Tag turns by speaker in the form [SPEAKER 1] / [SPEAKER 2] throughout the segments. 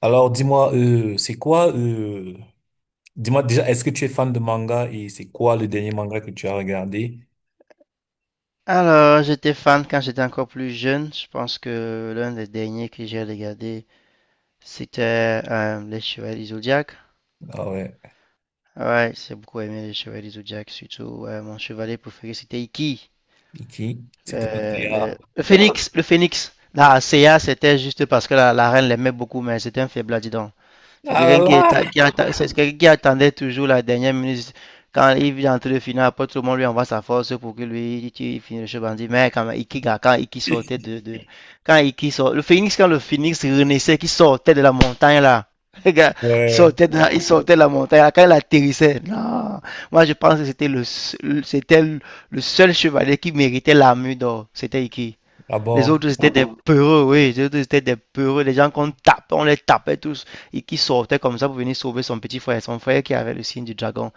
[SPEAKER 1] Alors, dis-moi, c'est quoi, dis-moi déjà, est-ce que tu es fan de manga et c'est quoi le dernier manga que tu as regardé?
[SPEAKER 2] Alors, j'étais fan quand j'étais encore plus jeune. Je pense que l'un des derniers que j'ai regardé, c'était Les Chevaliers du Zodiaque.
[SPEAKER 1] Ah ouais,
[SPEAKER 2] Ouais, j'ai beaucoup aimé Les Chevaliers du Zodiaque, surtout mon chevalier préféré, c'était Iki,
[SPEAKER 1] et qui? C'était pas
[SPEAKER 2] le, le,
[SPEAKER 1] Théa.
[SPEAKER 2] le phénix, le phénix La Seiya, c'était juste parce que la reine l'aimait beaucoup, mais c'était un faible, dis donc. C'est
[SPEAKER 1] Ah là là!
[SPEAKER 2] qui quelqu'un qui attendait toujours la dernière minute. Quand il vient entrer le final, après tout le monde lui envoie sa force pour que lui, il finisse le jeu bandit. Mais quand Iki sortait quand Iki sort, le Phoenix, quand le Phoenix renaissait, qui sortait de la montagne là. Les gars, il
[SPEAKER 1] Ouais,
[SPEAKER 2] sortait de il sortait de la montagne là, quand il atterrissait. Non. Moi, je pense que c'était c'était le seul chevalier qui méritait l'armure d'or. C'était Iki.
[SPEAKER 1] ah
[SPEAKER 2] Les
[SPEAKER 1] bon.
[SPEAKER 2] autres, c'était des peureux, oui. Les autres, c'était des peureux. Les gens qu'on tape, on les tapait tous. Et qui sortaient comme ça pour venir sauver son petit frère. Son frère qui avait le signe du dragon.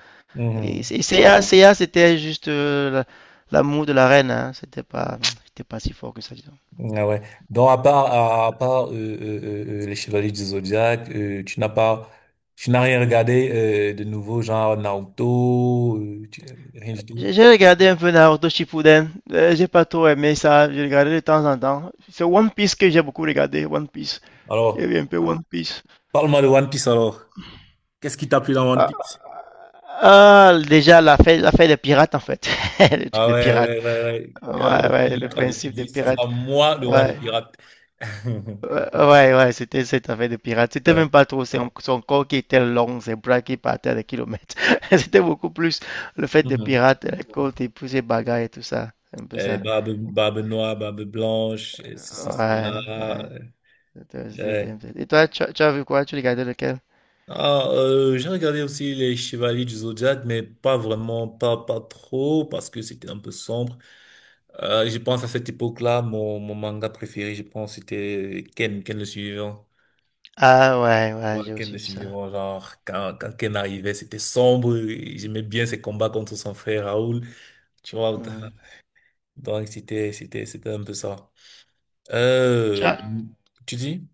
[SPEAKER 1] Mhm.
[SPEAKER 2] CA, c'était juste l'amour de la reine, hein. C'était pas si fort que ça, disons.
[SPEAKER 1] Ah ouais. Donc, à part les Chevaliers du Zodiaque, tu n'as pas, tu n'as rien regardé de nouveau, genre Naruto, rien du tout.
[SPEAKER 2] J'ai regardé un peu Naruto Shippuden. J'ai pas trop aimé ça. J'ai regardé de temps en temps. C'est One Piece que j'ai beaucoup regardé. One Piece. Il y
[SPEAKER 1] Alors,
[SPEAKER 2] avait un peu One Piece.
[SPEAKER 1] parle-moi de One Piece alors. Qu'est-ce qui t'a plu dans One
[SPEAKER 2] Ah,
[SPEAKER 1] Piece?
[SPEAKER 2] déjà, la fête des pirates, en fait. Le truc
[SPEAKER 1] Ah
[SPEAKER 2] des
[SPEAKER 1] ouais,
[SPEAKER 2] pirates.
[SPEAKER 1] ouais, ouais, ouais.
[SPEAKER 2] Ouais,
[SPEAKER 1] Ah,
[SPEAKER 2] ouais, le Ah ouais.
[SPEAKER 1] Luffy, quand Luffy
[SPEAKER 2] Principe des
[SPEAKER 1] dit, ce
[SPEAKER 2] pirates.
[SPEAKER 1] sera moi le roi des
[SPEAKER 2] Ouais,
[SPEAKER 1] pirates.
[SPEAKER 2] ouais, ouais, ouais, c'était cette affaire de pirates. C'était
[SPEAKER 1] Ouais.
[SPEAKER 2] même pas trop son corps qui était long, ses bras qui partaient à des kilomètres. C'était beaucoup plus le fait des
[SPEAKER 1] Mhm.
[SPEAKER 2] pirates, les côtes et puis ces bagarres et tout ça. Un peu ça.
[SPEAKER 1] Barbe, barbe noire, barbe blanche, ceci,
[SPEAKER 2] Ouais,
[SPEAKER 1] cela.
[SPEAKER 2] ouais.
[SPEAKER 1] Ouais. Ouais.
[SPEAKER 2] Et toi, tu as vu quoi? Tu regardais lequel?
[SPEAKER 1] Ah, j'ai regardé aussi les Chevaliers du Zodiac, mais pas vraiment, pas, pas trop, parce que c'était un peu sombre. Je pense à cette époque-là, mon manga préféré, je pense, c'était Ken, Ken le suivant.
[SPEAKER 2] Ah, ouais, ouais,
[SPEAKER 1] Moi,
[SPEAKER 2] j'ai
[SPEAKER 1] Ken
[SPEAKER 2] aussi
[SPEAKER 1] le
[SPEAKER 2] vu ça.
[SPEAKER 1] suivant, genre, quand Ken arrivait, c'était sombre, et j'aimais bien ses combats contre son frère Raoul. Tu vois,
[SPEAKER 2] Mhm.
[SPEAKER 1] donc c'était un peu ça.
[SPEAKER 2] Tu
[SPEAKER 1] Euh,
[SPEAKER 2] as-
[SPEAKER 1] tu dis?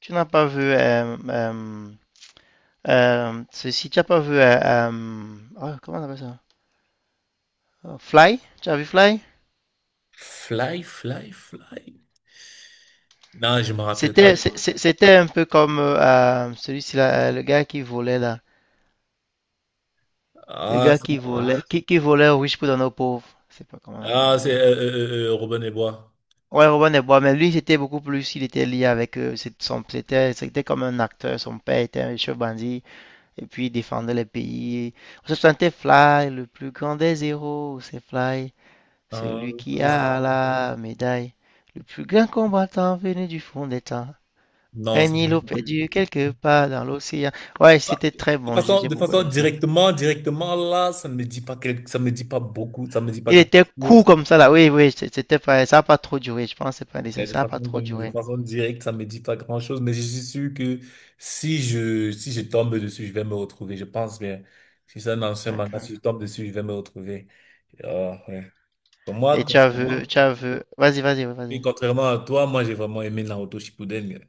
[SPEAKER 2] Tu n'as pas vu ceci, tu n'as pas vu oh, comment on appelle ça? Oh, Fly? Tu as vu Fly?
[SPEAKER 1] Fly, fly, fly. Non, je me rappelle pas.
[SPEAKER 2] C'était un peu comme celui-ci là, le gars qui volait là. Le
[SPEAKER 1] Ah,
[SPEAKER 2] gars
[SPEAKER 1] c'est
[SPEAKER 2] qui volait, qui volait aux riches pour donner aux pauvres. Je sais pas comment on appelle
[SPEAKER 1] ah, c'est,
[SPEAKER 2] ça.
[SPEAKER 1] Robin des Bois.
[SPEAKER 2] Ouais, Robin des Bois, mais lui, c'était beaucoup plus, il était lié avec eux. C'était comme un acteur, son père était un chef bandit, et puis il défendait le pays. On se sentait Fly, le plus grand des héros, c'est Fly, celui
[SPEAKER 1] Euh,
[SPEAKER 2] qui
[SPEAKER 1] euh,
[SPEAKER 2] a la médaille. Le plus grand combattant venu du fond des temps.
[SPEAKER 1] non,
[SPEAKER 2] Un
[SPEAKER 1] ça
[SPEAKER 2] îlot
[SPEAKER 1] me-
[SPEAKER 2] perdu quelque part dans l'océan. Ouais,
[SPEAKER 1] pas-
[SPEAKER 2] c'était très bon, j'ai j'ai
[SPEAKER 1] de
[SPEAKER 2] beaucoup
[SPEAKER 1] façon
[SPEAKER 2] aimé ça.
[SPEAKER 1] directement, directement là, ça me dit pas beaucoup, ça me dit pas
[SPEAKER 2] Il était court
[SPEAKER 1] grand-chose.
[SPEAKER 2] comme ça là, oui, oui, c'était pas, ça a pas trop duré, je pense, c'est pas un dessin,
[SPEAKER 1] Et de
[SPEAKER 2] ça a
[SPEAKER 1] façon,
[SPEAKER 2] pas trop
[SPEAKER 1] de
[SPEAKER 2] duré.
[SPEAKER 1] façon directe, ça me dit pas grand-chose, mais je suis sûr que si je tombe dessus, je vais me retrouver. Je pense bien. Si c'est un ancien manga, si je
[SPEAKER 2] D'accord.
[SPEAKER 1] tombe dessus, je vais me retrouver. Ah, ouais. Pour moi,
[SPEAKER 2] Et tu as vu,
[SPEAKER 1] contrairement
[SPEAKER 2] tu as vu, vas-y, vas-y, oui,
[SPEAKER 1] oui,
[SPEAKER 2] vas-y.
[SPEAKER 1] contrairement à toi, moi, j'ai vraiment aimé Naruto Shippuden.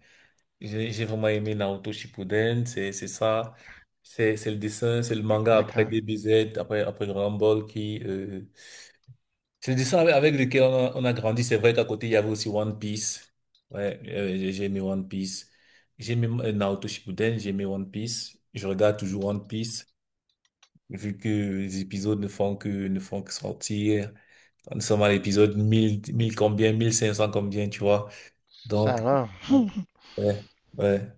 [SPEAKER 1] J'ai vraiment aimé Naruto Shippuden. C'est ça. C'est le dessin, c'est le manga après
[SPEAKER 2] D'accord.
[SPEAKER 1] DBZ, après Dragon Ball qui, c'est des dessins avec lesquels on a grandi. C'est vrai qu'à côté, il y avait aussi One Piece. Ouais, j'ai aimé One Piece. J'ai aimé Naruto Shippuden, j'ai aimé One Piece. Je regarde toujours One Piece, vu que les épisodes ne font que sortir. Nous sommes à l'épisode mille combien, 1500 combien, tu vois. Donc,
[SPEAKER 2] Alors.
[SPEAKER 1] ouais, ouais.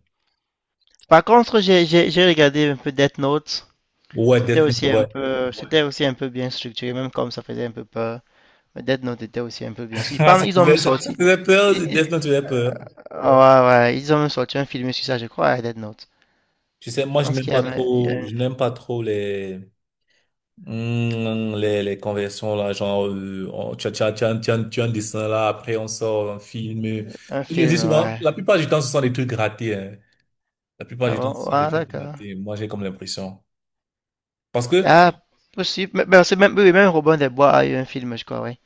[SPEAKER 2] Par contre, j'ai regardé un peu Death Note.
[SPEAKER 1] Ouais,
[SPEAKER 2] C'était
[SPEAKER 1] Death Note,
[SPEAKER 2] aussi un
[SPEAKER 1] ouais.
[SPEAKER 2] peu, c'était aussi un peu bien structuré, même comme ça faisait un peu peur. Mais Death Note était aussi un peu bien sûr.
[SPEAKER 1] Ah, ça
[SPEAKER 2] Ils ont même
[SPEAKER 1] faisait, ça
[SPEAKER 2] sorti,
[SPEAKER 1] faisait peur,
[SPEAKER 2] ils- ils-
[SPEAKER 1] Death Note faisait peur.
[SPEAKER 2] ouais, ouais, ils ont même sorti un film sur ça, je crois, à Death Note.
[SPEAKER 1] Tu sais,
[SPEAKER 2] Je
[SPEAKER 1] moi, je
[SPEAKER 2] pense
[SPEAKER 1] n'aime
[SPEAKER 2] qu'il y
[SPEAKER 1] pas
[SPEAKER 2] a, il y
[SPEAKER 1] trop,
[SPEAKER 2] a
[SPEAKER 1] je n'aime pas trop les, hmm, les conversions là, genre, on- tu as, tu as, tu as, tu as- tu as un dessin là, après on sort un film.
[SPEAKER 2] un
[SPEAKER 1] Je me dis
[SPEAKER 2] film,
[SPEAKER 1] souvent,
[SPEAKER 2] ouais.
[SPEAKER 1] la plupart du temps, ce sont des trucs ratés, hein. La plupart
[SPEAKER 2] Ah
[SPEAKER 1] du temps, ce
[SPEAKER 2] bon,
[SPEAKER 1] sont des
[SPEAKER 2] ouais,
[SPEAKER 1] trucs
[SPEAKER 2] d'accord.
[SPEAKER 1] ratés. Moi, j'ai comme l'impression. Parce que,
[SPEAKER 2] Ah, possible. Mais c'est même, oui, même Robin des Bois a eu un film, je crois, oui.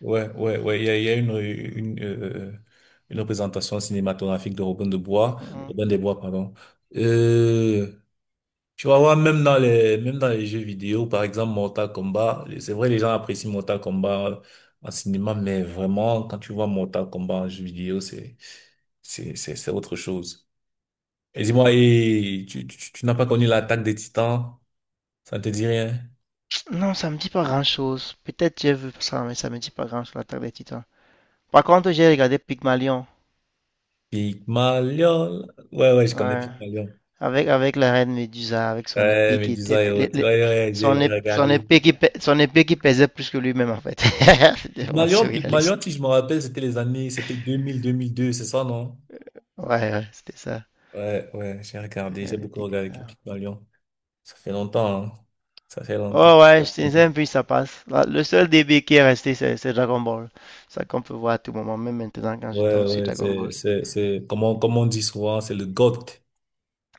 [SPEAKER 1] ouais, ouais, ouais, il y a une une représentation cinématographique de Robin de Bois,
[SPEAKER 2] Hum.
[SPEAKER 1] Robin des Bois, pardon. Euh, Tu vas voir, même dans les jeux vidéo, par exemple, Mortal Kombat, c'est vrai, les gens apprécient Mortal Kombat en cinéma, mais vraiment, quand tu vois Mortal Kombat en jeu vidéo, c'est autre chose. Et dis-moi, et tu n'as pas connu l'attaque des Titans? Ça ne te dit rien?
[SPEAKER 2] Non, ça me dit pas grand-chose. Peut-être j'ai vu ça, mais ça me dit pas grand-chose, l'Attaque des Titans. Par contre, j'ai regardé Pygmalion,
[SPEAKER 1] Pygmalion. Ouais, ouais, je connais
[SPEAKER 2] ouais.
[SPEAKER 1] Pygmalion.
[SPEAKER 2] Avec la reine Médusa, avec son
[SPEAKER 1] Ouais,
[SPEAKER 2] épée qui
[SPEAKER 1] Médusa
[SPEAKER 2] était...
[SPEAKER 1] et autres. Ouais,
[SPEAKER 2] les-
[SPEAKER 1] ouais, ouais,
[SPEAKER 2] son,
[SPEAKER 1] j'ai
[SPEAKER 2] ép- son
[SPEAKER 1] regardé.
[SPEAKER 2] épée qui, pè- son épée qui pesait plus que lui-même, en fait. C'était vraiment
[SPEAKER 1] Pygmalion,
[SPEAKER 2] surréaliste.
[SPEAKER 1] Pygmalion, si je me rappelle, c'était les années, c'était deux mille deux c'est ça, non?
[SPEAKER 2] Ouais, ouais, c'était ça.
[SPEAKER 1] Ouais, ouais, j'ai regardé, j'ai
[SPEAKER 2] Regardez
[SPEAKER 1] beaucoup regardé
[SPEAKER 2] Pygmalion.
[SPEAKER 1] Pygmalion. Ça fait longtemps, hein. Ça fait longtemps.
[SPEAKER 2] Oh ouais, je puis ça passe. Le seul DB qui est resté, c'est Dragon Ball. Ça qu'on peut voir à tout moment, même maintenant quand je
[SPEAKER 1] Ouais,
[SPEAKER 2] tombe sur
[SPEAKER 1] ouais,
[SPEAKER 2] Dragon Ball.
[SPEAKER 1] comme on, comme on dit souvent, c'est le GOAT.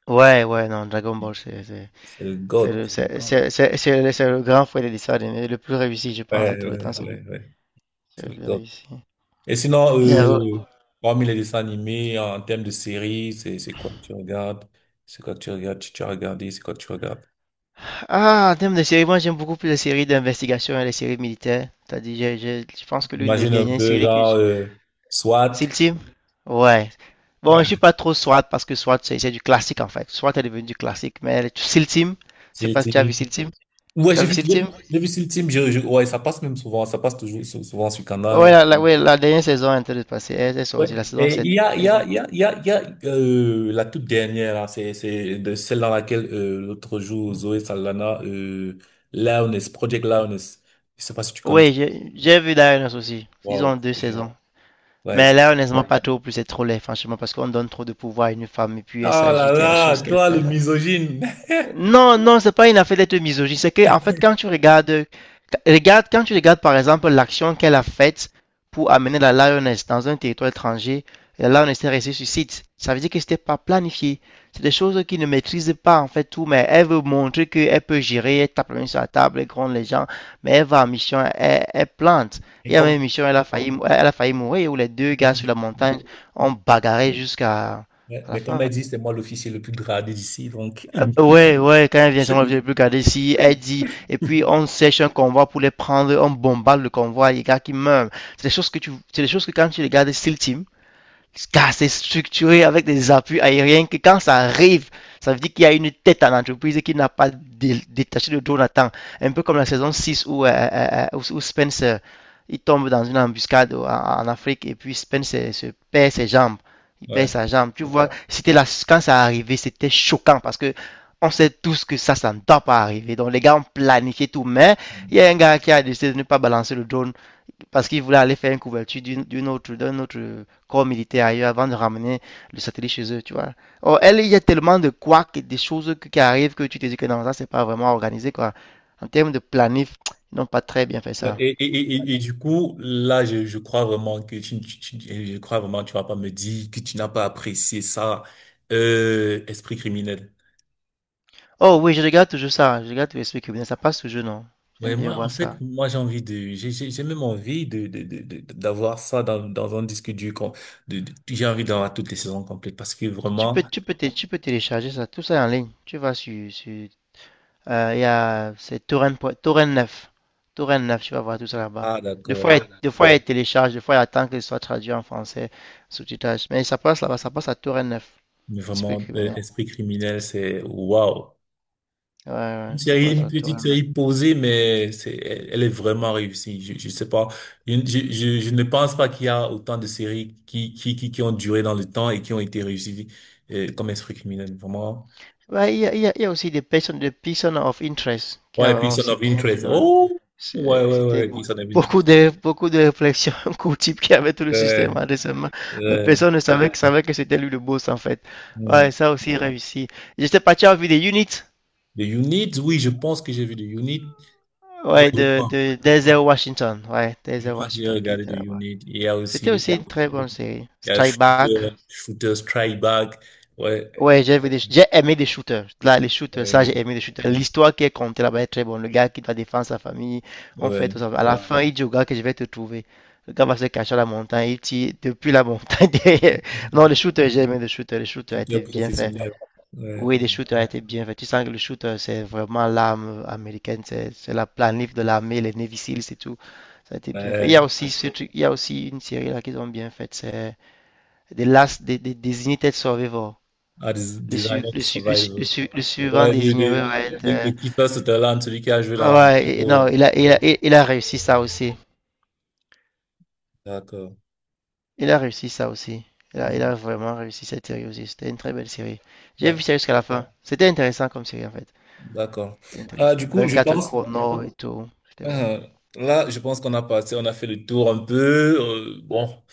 [SPEAKER 2] Ouais, ouais, non, Dragon Ball, c'est c'est-
[SPEAKER 1] C'est le
[SPEAKER 2] c'est le,
[SPEAKER 1] GOAT.
[SPEAKER 2] c'est d'accord. C'est le grand frère des dessins animés, le plus réussi, je
[SPEAKER 1] Ouais,
[SPEAKER 2] pense, de tout le temps,
[SPEAKER 1] ouais,
[SPEAKER 2] c'est lui.
[SPEAKER 1] ouais, ouais.
[SPEAKER 2] C'est
[SPEAKER 1] C'est
[SPEAKER 2] le
[SPEAKER 1] le
[SPEAKER 2] plus
[SPEAKER 1] GOAT.
[SPEAKER 2] réussi.
[SPEAKER 1] Et sinon,
[SPEAKER 2] Et, euh,
[SPEAKER 1] parmi les dessins animés, en termes de séries, c'est quoi que tu regardes? C'est quoi que tu regardes? Tu as regardé, c'est quoi que tu regardes?
[SPEAKER 2] En termes de séries, moi j'aime beaucoup plus les séries d'investigation et les séries militaires. T'as dit, je pense que l'une des
[SPEAKER 1] Imagine un
[SPEAKER 2] dernières
[SPEAKER 1] peu,
[SPEAKER 2] séries
[SPEAKER 1] genre, SWAT,
[SPEAKER 2] Silty? Ouais. Bon, je suis
[SPEAKER 1] ouais,
[SPEAKER 2] pas trop SWAT parce que SWAT, c'est du classique en fait. SWAT est devenu du classique. Mais SEAL Team, je sais
[SPEAKER 1] SEAL
[SPEAKER 2] pas si tu as vu
[SPEAKER 1] Team.
[SPEAKER 2] SEAL Team.
[SPEAKER 1] Ouais,
[SPEAKER 2] Tu as
[SPEAKER 1] j'ai
[SPEAKER 2] vu
[SPEAKER 1] vu,
[SPEAKER 2] SEAL
[SPEAKER 1] j'ai
[SPEAKER 2] Team?
[SPEAKER 1] j'ai vu SEAL Team, ouais, ça passe même souvent, ça passe toujours souvent sur
[SPEAKER 2] Ouais,
[SPEAKER 1] Canal.
[SPEAKER 2] ouais, la dernière saison est en train de passer. Elle sort
[SPEAKER 1] Ouais.
[SPEAKER 2] aussi, la saison
[SPEAKER 1] Et il
[SPEAKER 2] 7.
[SPEAKER 1] y a, il y
[SPEAKER 2] Ils
[SPEAKER 1] a,
[SPEAKER 2] ont.
[SPEAKER 1] il y a, il y a, il y a la toute dernière, là, c'est de celle dans laquelle l'autre jour, Zoé Saldana, Loudness, Project Loudness, je sais pas si tu connais.
[SPEAKER 2] Ouais, j'ai vu Dionysus aussi. Ils ont
[SPEAKER 1] Waouh.
[SPEAKER 2] deux saisons.
[SPEAKER 1] Ouais.
[SPEAKER 2] Mais là, honnêtement, pas trop. Plus c'est trop laid, franchement, parce qu'on donne trop de pouvoir à une femme et puis elle
[SPEAKER 1] Ah
[SPEAKER 2] s'agit,
[SPEAKER 1] là
[SPEAKER 2] il y a des
[SPEAKER 1] là,
[SPEAKER 2] choses qu'elle
[SPEAKER 1] toi le
[SPEAKER 2] fait.
[SPEAKER 1] misogyne.
[SPEAKER 2] Non, non, c'est pas une affaire d'être misogyne. C'est que, en fait, quand tu regardes, par exemple, l'action qu'elle a faite pour amener la Lioness dans un territoire étranger, la Lioness est restée sur site. Ça veut dire que c'était pas planifié. C'est des choses qu'ils ne maîtrisent pas, en fait, tout, mais elle veut montrer qu'elle peut gérer, elle tape la main sur la table, elle gronde les gens, mais elle va en mission, elle, elle plante. Il
[SPEAKER 1] Et
[SPEAKER 2] y a
[SPEAKER 1] comme,
[SPEAKER 2] même une mission, elle a failli mourir, où les deux
[SPEAKER 1] mais,
[SPEAKER 2] gars sur la montagne ont
[SPEAKER 1] mais,
[SPEAKER 2] bagarré jusqu'à
[SPEAKER 1] mais,
[SPEAKER 2] à la
[SPEAKER 1] mais comme
[SPEAKER 2] fin.
[SPEAKER 1] elle dit, c'est moi l'officier le plus gradé d'ici, donc.
[SPEAKER 2] Ouais, ouais, quand elle vient, moi, je peux regarder si elle dit, et puis on sèche un convoi pour les prendre, on bombarde le convoi, les gars qui meurent. C'est des choses que tu, c'est des choses que quand tu regardes Steel Team, assez structuré avec des appuis aériens que quand ça arrive, ça veut dire qu'il y a une tête à l'entreprise qui n'a pas détaché de Jonathan. Un peu comme la saison 6 où Spence il tombe dans une embuscade en Afrique et puis Spence se perd ses jambes. Il perd
[SPEAKER 1] Ouais.
[SPEAKER 2] sa jambe. Tu vois, c'était là, quand ça arrivait, c'était choquant parce que on sait tous que ça ne doit pas arriver. Donc les gars ont planifié tout, mais il y a un gars qui a décidé de ne pas balancer le drone parce qu'il voulait aller faire une couverture d'un autre corps militaire ailleurs avant de ramener le satellite chez eux, tu vois. Or, elle, il y a tellement de couacs et des choses qui arrivent que tu te dis que non, ça, c'est pas vraiment organisé, quoi. En termes de planif, ils n'ont pas très bien fait
[SPEAKER 1] Ouais,
[SPEAKER 2] ça.
[SPEAKER 1] et du coup, là, je crois vraiment que je crois vraiment que tu vas pas me dire que tu n'as pas apprécié ça, esprit criminel.
[SPEAKER 2] Oh oui, je regarde toujours ça, je regarde tous les trucs criminels, ça passe toujours, non?
[SPEAKER 1] Ouais,
[SPEAKER 2] J'aime bien
[SPEAKER 1] moi, en
[SPEAKER 2] voir ça.
[SPEAKER 1] fait, moi, j'ai envie de, j'ai même envie de, de d'avoir ça dans, dans un disque dur, j'ai envie d'avoir toutes les saisons complètes parce que
[SPEAKER 2] Tu
[SPEAKER 1] vraiment,
[SPEAKER 2] peux, tu peux, té- tu peux télécharger ça, tout ça en ligne. Tu vas sur il y a, c'est Torrent, Torrent 9. Torrent 9, tu vas voir tout ça là-bas.
[SPEAKER 1] ah,
[SPEAKER 2] Des
[SPEAKER 1] d'accord,
[SPEAKER 2] fois, des fois, il télécharge, des fois, il attend que ce soit traduit en français, sous-titrage. Mais ça passe là-bas, ça passe à Torrent 9.
[SPEAKER 1] mais
[SPEAKER 2] Esprit
[SPEAKER 1] vraiment,
[SPEAKER 2] criminel.
[SPEAKER 1] esprit criminel, c'est waouh.
[SPEAKER 2] Ouais,
[SPEAKER 1] Une
[SPEAKER 2] ouais, ça
[SPEAKER 1] série,
[SPEAKER 2] passe
[SPEAKER 1] une
[SPEAKER 2] à
[SPEAKER 1] petite
[SPEAKER 2] Torrent 9.
[SPEAKER 1] série posée, mais c'est, elle, elle est vraiment réussie. Je sais pas. Je ne pense pas qu'il y a autant de séries qui ont duré dans le temps et qui ont été réussies, comme Esprit criminel, vraiment.
[SPEAKER 2] Ouais, il y a aussi des personnes of interest qui a
[SPEAKER 1] Ouais,
[SPEAKER 2] vraiment
[SPEAKER 1] Person
[SPEAKER 2] aussi
[SPEAKER 1] of
[SPEAKER 2] bien
[SPEAKER 1] Interest.
[SPEAKER 2] duré.
[SPEAKER 1] Oh! Ouais, ouais,
[SPEAKER 2] C'était
[SPEAKER 1] ouais,
[SPEAKER 2] beaucoup,
[SPEAKER 1] Person of Interest.
[SPEAKER 2] beaucoup de réflexions qu'au type qui avait tout le système
[SPEAKER 1] Euh,
[SPEAKER 2] récemment. Mais
[SPEAKER 1] euh,
[SPEAKER 2] personne ne savait, savait que c'était lui le boss en fait.
[SPEAKER 1] hmm.
[SPEAKER 2] Ouais, ça aussi réussi. J'étais parti en vue des units.
[SPEAKER 1] The Unit, oui, je pense que j'ai vu The Unit. Ouais,
[SPEAKER 2] Ouais,
[SPEAKER 1] je
[SPEAKER 2] de,
[SPEAKER 1] crois.
[SPEAKER 2] de Denzel Washington. Ouais,
[SPEAKER 1] Je
[SPEAKER 2] Denzel
[SPEAKER 1] crois que j'ai
[SPEAKER 2] Washington qui
[SPEAKER 1] regardé The
[SPEAKER 2] était là-bas.
[SPEAKER 1] Unit. Il y a
[SPEAKER 2] C'était
[SPEAKER 1] aussi,
[SPEAKER 2] aussi une très bonne série.
[SPEAKER 1] il y a
[SPEAKER 2] Strike Back.
[SPEAKER 1] Shooter, Shooter Strike Back. Ouais,
[SPEAKER 2] Ouais, j'ai aimé des shooters. Là, les shooters, ça,
[SPEAKER 1] euh,
[SPEAKER 2] j'ai aimé des shooters. L'histoire qui est contée là-bas est très bonne. Le gars qui doit défendre sa famille, on fait
[SPEAKER 1] ouais.
[SPEAKER 2] tout ça. À la fin, il dit au gars que je vais te trouver. Le gars va se cacher à la montagne. Il tire depuis la montagne. Non, les shooters, j'ai aimé les shooters. Les shooters a été
[SPEAKER 1] Tuteur
[SPEAKER 2] bien fait.
[SPEAKER 1] professionnel. Ouais,
[SPEAKER 2] Oui, les shooters étaient bien faits. Tu sens que le shooter, c'est vraiment l'arme américaine, c'est la planif de l'armée, les Navy Seals et tout. Ça a été bien fait. Il y a
[SPEAKER 1] ouais.
[SPEAKER 2] aussi, il y a aussi une série là qu'ils ont bien faite, c'est The Last, des Unitaid Survivor.
[SPEAKER 1] Ah, designer
[SPEAKER 2] Le
[SPEAKER 1] survivor.
[SPEAKER 2] su- le suivant
[SPEAKER 1] Ouais, le,
[SPEAKER 2] désigné
[SPEAKER 1] le,
[SPEAKER 2] ouais, va être.
[SPEAKER 1] le,
[SPEAKER 2] euh,
[SPEAKER 1] le keeper Sutherland, celui qui a joué
[SPEAKER 2] ah
[SPEAKER 1] dans
[SPEAKER 2] ouais,
[SPEAKER 1] Bravo.
[SPEAKER 2] non, il a réussi ça aussi.
[SPEAKER 1] D'accord.
[SPEAKER 2] Il a réussi ça aussi. Il a, il
[SPEAKER 1] Mhm.
[SPEAKER 2] a vraiment réussi cette série aussi. C'était une très belle série. J'ai vu
[SPEAKER 1] Ouais,
[SPEAKER 2] ça jusqu'à la fin. C'était intéressant comme série en fait.
[SPEAKER 1] d'accord.
[SPEAKER 2] C'était
[SPEAKER 1] Ah,
[SPEAKER 2] intéressant.
[SPEAKER 1] du coup, je
[SPEAKER 2] 24
[SPEAKER 1] pense,
[SPEAKER 2] chrono et tout. C'était bon.
[SPEAKER 1] ah, là, je pense qu'on a passé, on a fait le tour un peu. euh, bon,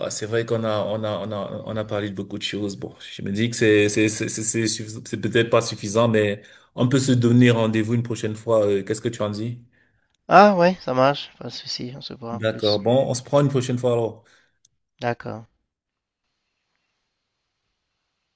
[SPEAKER 1] Ah, c'est vrai qu'on a, on a parlé de beaucoup de choses. Bon, je me dis que c'est c'est peut-être pas suffisant, mais on peut se donner rendez-vous une prochaine fois. Qu'est-ce que tu en dis?
[SPEAKER 2] Ah ouais, ça marche, pas de souci, on se voit en
[SPEAKER 1] D'accord.
[SPEAKER 2] plus.
[SPEAKER 1] Bon, on se prend une prochaine fois alors.
[SPEAKER 2] D'accord.